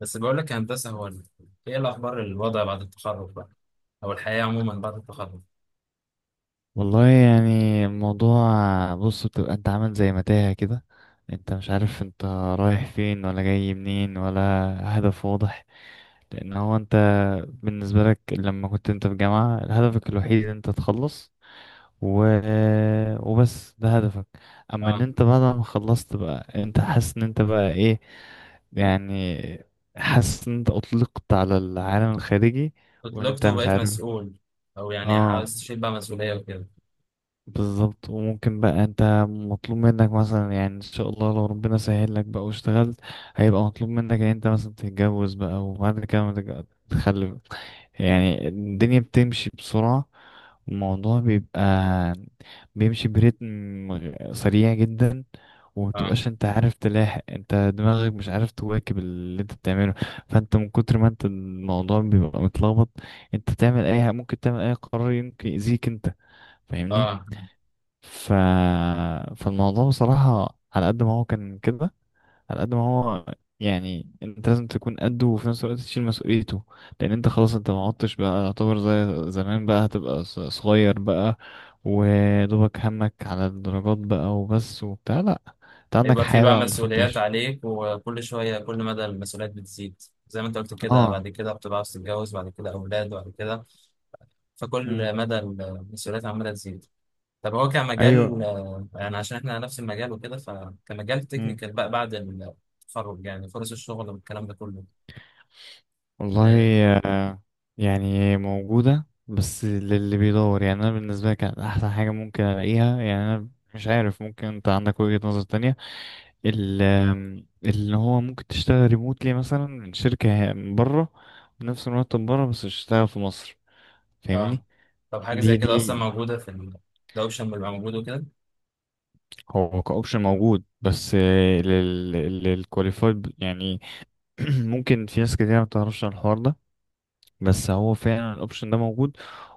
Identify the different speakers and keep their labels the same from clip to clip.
Speaker 1: بس بقول لك يا هندسة، ايه الأخبار؟ الوضع بعد التخرج بقى، أو الحياة عموما بعد التخرج.
Speaker 2: والله، يعني الموضوع. بص، بتبقى انت عامل زي متاهة كده. انت مش عارف انت رايح فين، ولا جاي منين ولا هدف واضح. لان هو انت بالنسبة لك لما كنت انت في جامعة، هدفك الوحيد انت تخلص و... وبس، ده هدفك. اما ان
Speaker 1: اه،
Speaker 2: انت بعد ما خلصت بقى، انت حاسس ان انت بقى ايه، يعني حاسس ان انت اطلقت على العالم الخارجي وانت
Speaker 1: اتطلقت
Speaker 2: مش
Speaker 1: وبقيت
Speaker 2: عارف.
Speaker 1: مسؤول. أو يعني
Speaker 2: اه،
Speaker 1: عاوز تشيل بقى مسؤولية وكده.
Speaker 2: بالظبط. وممكن بقى انت مطلوب منك مثلا يعني ان شاء الله لو ربنا سهل لك بقى واشتغلت، هيبقى مطلوب منك ان انت مثلا تتجوز بقى، وبعد كده ما تتج- تخلف. يعني الدنيا بتمشي بسرعة، الموضوع بيبقى بيمشي بريتم سريع جدا.
Speaker 1: اه.
Speaker 2: ومتبقاش انت عارف تلاحق، انت دماغك مش عارف تواكب اللي انت بتعمله. فانت من كتر ما انت الموضوع بيبقى متلخبط، انت ممكن تعمل اي قرار يمكن يأذيك انت. فاهمني؟
Speaker 1: اه.
Speaker 2: ف... فالموضوع بصراحة على قد ما هو كان كده، على قد ما هو يعني انت لازم تكون قده، وفي نفس الوقت تشيل مسؤوليته. لان انت خلاص انت ما عدتش بقى يعتبر زي زمان بقى، هتبقى صغير بقى، ودوبك همك على الدرجات بقى وبس وبتاع. لا، انت عندك
Speaker 1: هيبقى في
Speaker 2: حياة
Speaker 1: بقى
Speaker 2: بقى المفروض
Speaker 1: مسؤوليات
Speaker 2: تعيش.
Speaker 1: عليك، وكل شوية كل مدى المسؤوليات بتزيد. زي ما انت قلت كده، بعد
Speaker 2: اه.
Speaker 1: كده بتبقى عاوز تتجوز، بعد كده أولاد، بعد كده
Speaker 2: مم.
Speaker 1: فكل مدى المسؤوليات عمالة تزيد. طب هو كمجال،
Speaker 2: ايوه.
Speaker 1: يعني عشان احنا نفس المجال وكده، فكمجال تكنيكال بقى بعد التخرج، يعني فرص الشغل والكلام ده كله.
Speaker 2: والله.
Speaker 1: آه.
Speaker 2: آه، يعني موجودة بس للي بيدور. يعني أنا بالنسبة لي كانت أحسن حاجة ممكن ألاقيها. يعني أنا مش عارف، ممكن أنت عندك وجهة نظر تانية. ال- آم، اللي هو ممكن تشتغل ريموتلي مثلا من شركة من بره، بنفس المرتب بره، بس تشتغل في مصر. فاهمني؟
Speaker 1: اه، طب حاجة زي
Speaker 2: دي
Speaker 1: كده أصلا
Speaker 2: دي
Speaker 1: موجودة في ال. ده أوبشن بيبقى موجود وكده.
Speaker 2: هو كأوبشن موجود بس للكواليفايد يعني. ممكن في ناس كتير ما بتعرفش عن الحوار ده، بس هو فعلا الاوبشن ده موجود.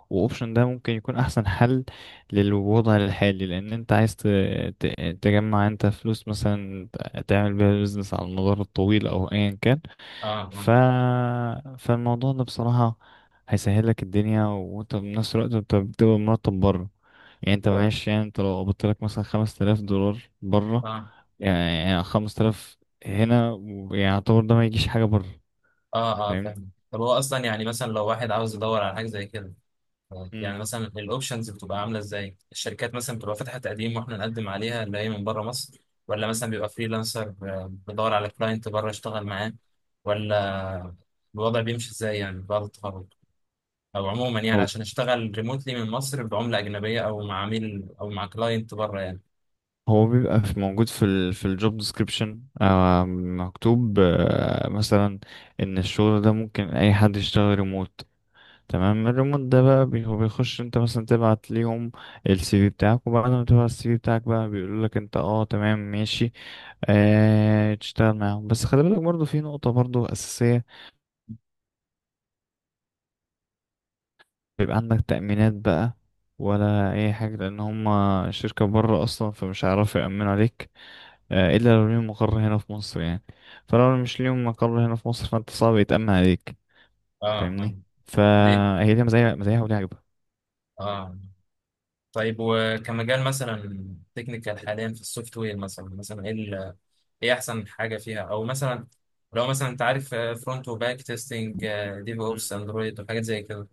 Speaker 2: واوبشن ده ممكن يكون احسن حل للوضع الحالي، لان انت عايز تجمع انت فلوس، مثلا تعمل بيها بيزنس على المدار الطويل، او ايا كان.
Speaker 1: اه،
Speaker 2: ف...
Speaker 1: اه.
Speaker 2: فالموضوع ده بصراحة هيسهل لك الدنيا، وانت بنفس الوقت انت بتبقى مرتب بره. يعني انت
Speaker 1: طب.
Speaker 2: معلش، يعني انت لو قبضت لك مثلا $5,000 بره،
Speaker 1: اه،
Speaker 2: يعني 5000 هنا يعتبر ده ما يجيش حاجة بره.
Speaker 1: اه، اه،
Speaker 2: فاهمني؟
Speaker 1: فاهم. طب هو أصلا يعني مثلا لو واحد عاوز يدور على حاجة زي كده، آه،
Speaker 2: مم.
Speaker 1: يعني مثلا الأوبشنز بتبقى عاملة إزاي؟ الشركات مثلا بتبقى فاتحة تقديم وإحنا نقدم عليها اللي هي من بره مصر؟ ولا مثلا بيبقى فريلانسر، بيدور على كلاينت بره يشتغل معاه؟ ولا الوضع بيمشي إزاي يعني بعد التخرج؟ أو عموما يعني عشان أشتغل ريموتلي من مصر بعملة أجنبية، أو مع عميل أو مع كلاينت بره يعني.
Speaker 2: هو بيبقى في موجود في الجوب ديسكريبشن، مكتوب مثلا ان الشغل ده ممكن اي حد يشتغل ريموت. تمام، الريموت ده بقى هو بيخش انت مثلا تبعت ليهم السي في بتاعك، وبعد ما تبعت السي في بتاعك بقى بيقول لك انت، تمام ماشي، تشتغل معاهم. بس خلي بالك برضو في نقطة برضو أساسية، بيبقى عندك تأمينات بقى ولا اي حاجة، لان هما شركة بره اصلا، فمش هيعرفوا يأمنوا عليك، الا لو ليهم مقر هنا في مصر. يعني فلو مش ليهم مقر هنا في مصر، فانت صعب يتأمن عليك.
Speaker 1: اه. اه.
Speaker 2: فاهمني؟
Speaker 1: دي.
Speaker 2: فهي ليها مزايا مزايا وليها عيوبها.
Speaker 1: اه. طيب، وكمجال مثلا تكنيكال حاليا في السوفت وير، مثلا مثلا ايه ايه احسن حاجه فيها، او مثلا لو مثلا انت عارف فرونت وباك تيستنج، ديف
Speaker 2: مم.
Speaker 1: اوبس، اندرويد وحاجات زي كده.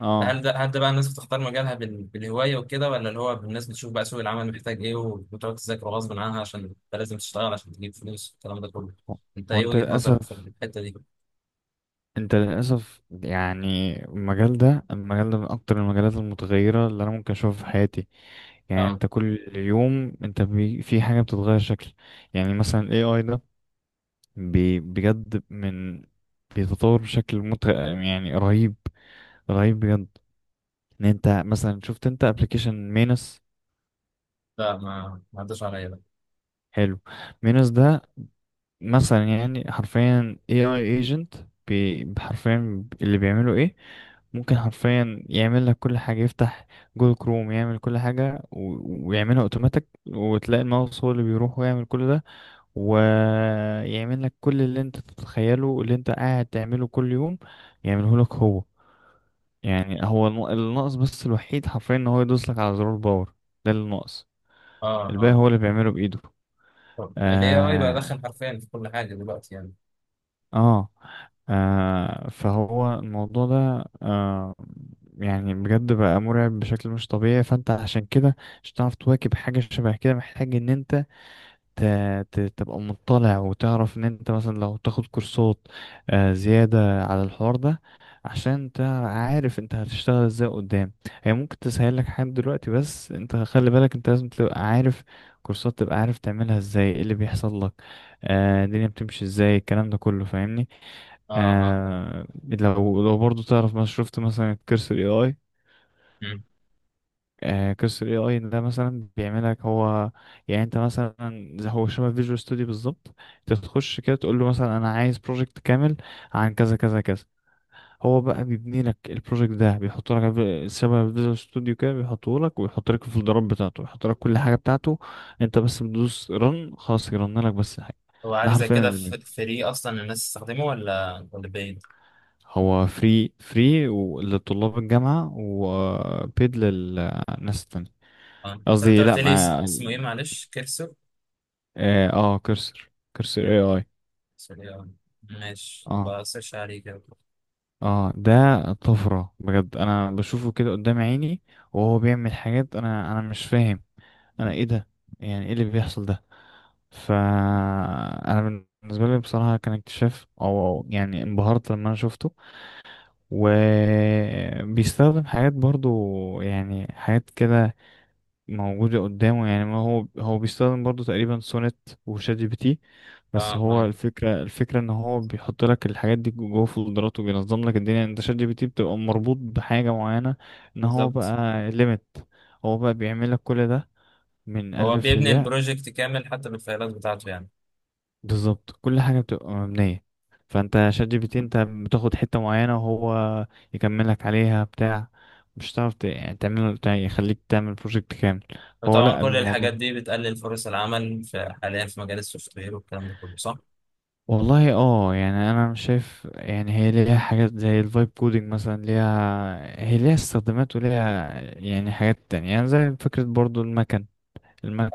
Speaker 2: اه.
Speaker 1: هل ده بقى الناس بتختار مجالها بالهوايه وكده، ولا اللي هو الناس بتشوف بقى سوق العمل محتاج ايه، وبتقعد تذاكر غصب عنها عشان انت لازم تشتغل عشان تجيب فلوس والكلام ده كله؟ انت
Speaker 2: هو
Speaker 1: ايه
Speaker 2: انت
Speaker 1: وجهه نظرك في
Speaker 2: للاسف،
Speaker 1: الحته دي؟
Speaker 2: انت للاسف، يعني المجال ده، المجال ده من اكتر المجالات المتغيره اللي انا ممكن اشوفها في حياتي. يعني
Speaker 1: اه،
Speaker 2: انت كل يوم انت في حاجه بتتغير شكل. يعني مثلا ال AI ده بجد، بيتطور بشكل يعني رهيب، رهيب بجد. ان انت مثلا شفت انت ابلكيشن مينس؟
Speaker 1: لا، ما عداش عليا ده.
Speaker 2: حلو. مينس ده مثلا يعني حرفيا اي اي ايجنت. حرفيا اللي بيعمله ايه؟ ممكن حرفيا يعمل لك كل حاجه. يفتح جوجل كروم، يعمل كل حاجه، ويعملها اوتوماتيك، وتلاقي الماوس هو اللي بيروح ويعمل كل ده، ويعمل لك كل اللي انت تتخيله، اللي انت قاعد تعمله كل يوم، يعمله لك هو. يعني هو الناقص بس الوحيد حرفيا ان هو يدوس لك على زرار باور، ده اللي ناقص. الباقي
Speaker 1: اه،
Speaker 2: هو اللي بيعمله بإيده.
Speaker 1: اه، الاي اي بقى
Speaker 2: اه,
Speaker 1: دخل حرفيا في كل حاجه دلوقتي يعني.
Speaker 2: آه. فهو الموضوع ده يعني بجد بقى مرعب بشكل مش طبيعي. فانت عشان كده مش هتعرف تواكب حاجة شبه كده، محتاج ان انت ت- تبقى مطلع، وتعرف ان انت مثلا لو تاخد كورسات زيادة على الحوار ده، عشان انت عارف انت هتشتغل ازاي قدام. هي ممكن تسهل لك حاجات دلوقتي، بس انت خلي بالك انت لازم تبقى عارف كورسات، تبقى عارف تعملها ازاي، ايه اللي بيحصل لك، الدنيا بتمشي ازاي الكلام ده كله. فاهمني؟
Speaker 1: اه، اه، فاهم.
Speaker 2: آه، لو برضو تعرف ما شفت مثلا الكورس الاي اي،
Speaker 1: مم.
Speaker 2: قصة ال AI ده مثلا بيعملك هو، يعني انت مثلا زي هو شبه فيجوال ستوديو بالظبط. انت تخش كده تقول له مثلا انا عايز بروجكت كامل عن كذا كذا كذا، هو بقى بيبني لك البروجكت ده، بيحط لك شبه فيجوال ستوديو كده، بيحطه لك، ويحط لك الفولدرات بتاعته، ويحط لك كل حاجة بتاعته. انت بس بتدوس رن، خلاص يرن لك بس الحاجة.
Speaker 1: هو
Speaker 2: ده
Speaker 1: حاجة زي
Speaker 2: حرفيا
Speaker 1: كده. فري أصلا الناس تستخدمه، ولا بيد؟
Speaker 2: هو فري فري لطلاب الجامعة، وبيد للناس التانية.
Speaker 1: اه، طب أنت
Speaker 2: قصدي لا،
Speaker 1: قلت لي
Speaker 2: ما
Speaker 1: اسمه إيه معلش؟ كيرسو؟
Speaker 2: اه آه، كرسر. كرسر اي
Speaker 1: كيرسو.
Speaker 2: اي.
Speaker 1: آه. ماشي،
Speaker 2: اه
Speaker 1: يبقى سيرش عليه كده.
Speaker 2: اه، ده طفرة بجد، انا بشوفه كده قدام عيني، وهو بيعمل حاجات انا مش فاهم انا ايه ده، يعني ايه اللي بيحصل ده. فانا بالنسبة لي بصراحة كان اكتشاف، او يعني انبهرت لما انا شفته. وبيستخدم حاجات برضو، يعني حاجات كده موجودة قدامه، يعني ما هو بيستخدم برضو تقريبا سونت وشات جي بي تي. بس
Speaker 1: اه،
Speaker 2: هو
Speaker 1: اه،
Speaker 2: الفكرة ان هو بيحط لك الحاجات دي جوه فولدرات، وبينظم لك الدنيا. انت شات جي بي تي بتبقى مربوط بحاجة معينة، ان هو
Speaker 1: بالظبط.
Speaker 2: بقى ليميت. هو بقى بيعمل لك كل ده من
Speaker 1: هو
Speaker 2: ألف
Speaker 1: بيبني
Speaker 2: للياء،
Speaker 1: البروجكت كامل حتى بالفايلات بتاعته يعني.
Speaker 2: بالظبط. كل حاجة بتبقى مبنية. فانت شات جي بي تي انت بتاخد حتة معينة وهو يكملك عليها بتاع، مش هتعرف يعني تعمل، يعني يخليك تعمل بروجكت كامل. هو
Speaker 1: وطبعا
Speaker 2: لا،
Speaker 1: كل
Speaker 2: الموضوع،
Speaker 1: الحاجات دي بتقلل فرص العمل في حاليا في مجال السوفت وير والكلام ده كله، صح؟
Speaker 2: والله يعني انا مش شايف. يعني هي ليها حاجات زي الفايب كودينج مثلا ليها، هي ليها استخدامات، وليها يعني حاجات تانية، يعني زي فكرة برضو المكن.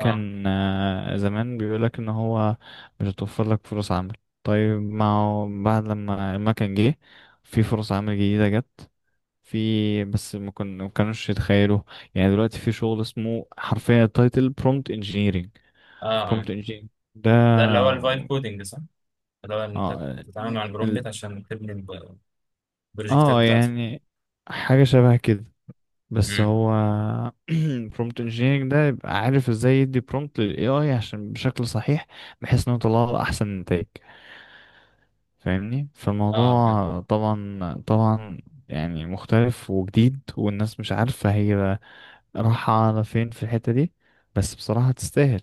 Speaker 1: اه،
Speaker 2: زمان بيقولك ان هو مش هتوفر لك فرص عمل، طيب ما هو بعد لما المكن جه، في فرص عمل جديدة جت في، بس ما كانوش يتخيلوا. يعني دلوقتي في شغل اسمه حرفيا تايتل برومبت انجينيرنج،
Speaker 1: اه، اه،
Speaker 2: برومبت انجينيرنج ده.
Speaker 1: ده اللي هو الفايب كودنج صح؟ اللي هو أنت
Speaker 2: اه
Speaker 1: بتتعامل مع البرومبت عشان تبني البروجكتات
Speaker 2: اه،
Speaker 1: بتاعتك.
Speaker 2: يعني حاجة شبه كده، بس
Speaker 1: امم.
Speaker 2: هو prompt engineering ده يبقى عارف ازاي يدي prompt لل AI عشان بشكل صحيح، بحيث انه يطلع له احسن نتائج. فاهمني؟
Speaker 1: اه،
Speaker 2: فالموضوع طبعا طبعا يعني مختلف وجديد، والناس مش عارفة هي رايحة على فين في الحتة دي، بس بصراحة تستاهل.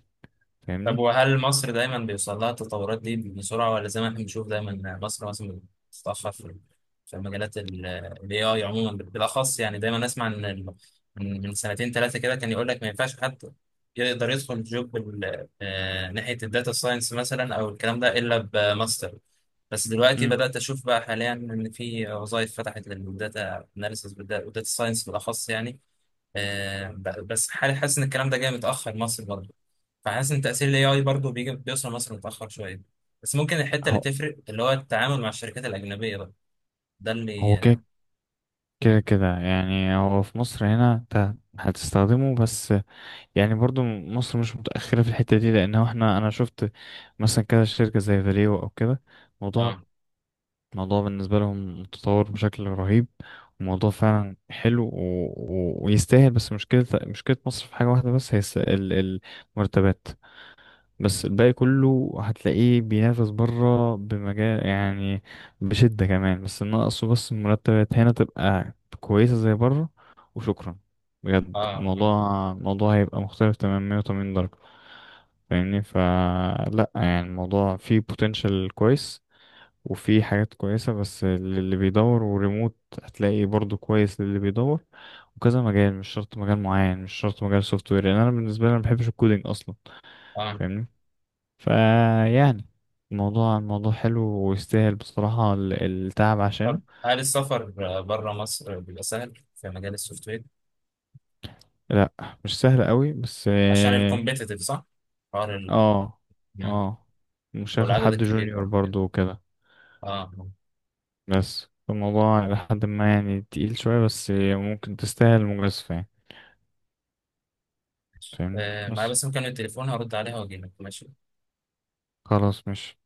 Speaker 1: طب
Speaker 2: فاهمني؟
Speaker 1: وهل مصر دايما بيوصل لها التطورات دي بسرعة، ولا زي ما احنا بنشوف دايما مصر مثلا بتتأخر في مجالات ال AI عموما بالأخص؟ يعني دايما أسمع إن من سنتين 3 كده، كان يقول لك ما ينفعش حد يقدر يدخل جوب ناحية الداتا ساينس مثلا أو الكلام ده إلا بماستر. بس دلوقتي
Speaker 2: مم.
Speaker 1: بدأت أشوف بقى حاليا إن في وظائف فتحت للداتا أناليسيس والداتا ساينس بالأخص يعني. بس حالي حاسس إن الكلام ده جاي متأخر مصر برضه. فحاسس ان تأثير الاي اي برضه بيجي بيوصل مصر متأخر شوية. بس ممكن الحتة اللي
Speaker 2: هو
Speaker 1: تفرق اللي هو التعامل مع الشركات الأجنبية بقى، ده اللي.
Speaker 2: هو كده
Speaker 1: اه،
Speaker 2: كده كده. يعني هو في مصر هنا انت هتستخدمه بس، يعني برضو مصر مش متأخرة في الحتة دي، لأنه أنا شفت مثلا كده شركة زي فاليو أو كده، موضوع
Speaker 1: اه،
Speaker 2: موضوع بالنسبة لهم متطور بشكل رهيب، وموضوع فعلا حلو، ويستاهل. بس مشكلة مصر في حاجة واحدة بس، هي المرتبات. بس الباقي كله هتلاقيه بينافس بره بمجال يعني بشدة كمان. بس ناقصه بس المرتبات هنا تبقى كويسة زي بره، وشكرا. بجد
Speaker 1: اه. مم.
Speaker 2: الموضوع هيبقى مختلف تماما 180 درجة. فاهمني؟ فلا، يعني الموضوع فيه potential كويس، وفيه حاجات كويسة بس للي بيدور. وريموت هتلاقي برضو كويس للي بيدور، وكذا مجال، مش شرط مجال معين، مش شرط مجال سوفت وير. يعني انا بالنسبة لي أنا ما بحبش الكودينج اصلا.
Speaker 1: آه.
Speaker 2: فاهمني؟ فيعني الموضوع حلو ويستاهل بصراحة التعب عشانه.
Speaker 1: طب هل السفر بره مصر بيبقى سهل في مجال السوفت وير؟
Speaker 2: لا مش سهل قوي، بس
Speaker 1: عشان
Speaker 2: اه.
Speaker 1: الكومبيتيتيف صح؟ حوار ال.
Speaker 2: اه،
Speaker 1: مم.
Speaker 2: آه. مش هاخد
Speaker 1: والعدد
Speaker 2: حد
Speaker 1: الكبير
Speaker 2: جونيور
Speaker 1: برضه كده.
Speaker 2: برضو وكده،
Speaker 1: اه.
Speaker 2: بس الموضوع لحد ما يعني تقيل شوية، بس ممكن تستاهل مجازفة يعني. فاهم؟
Speaker 1: آه، معايا
Speaker 2: بس
Speaker 1: بس مكالمة التليفون هرد عليها واجيلك ماشي.
Speaker 2: خلاص مش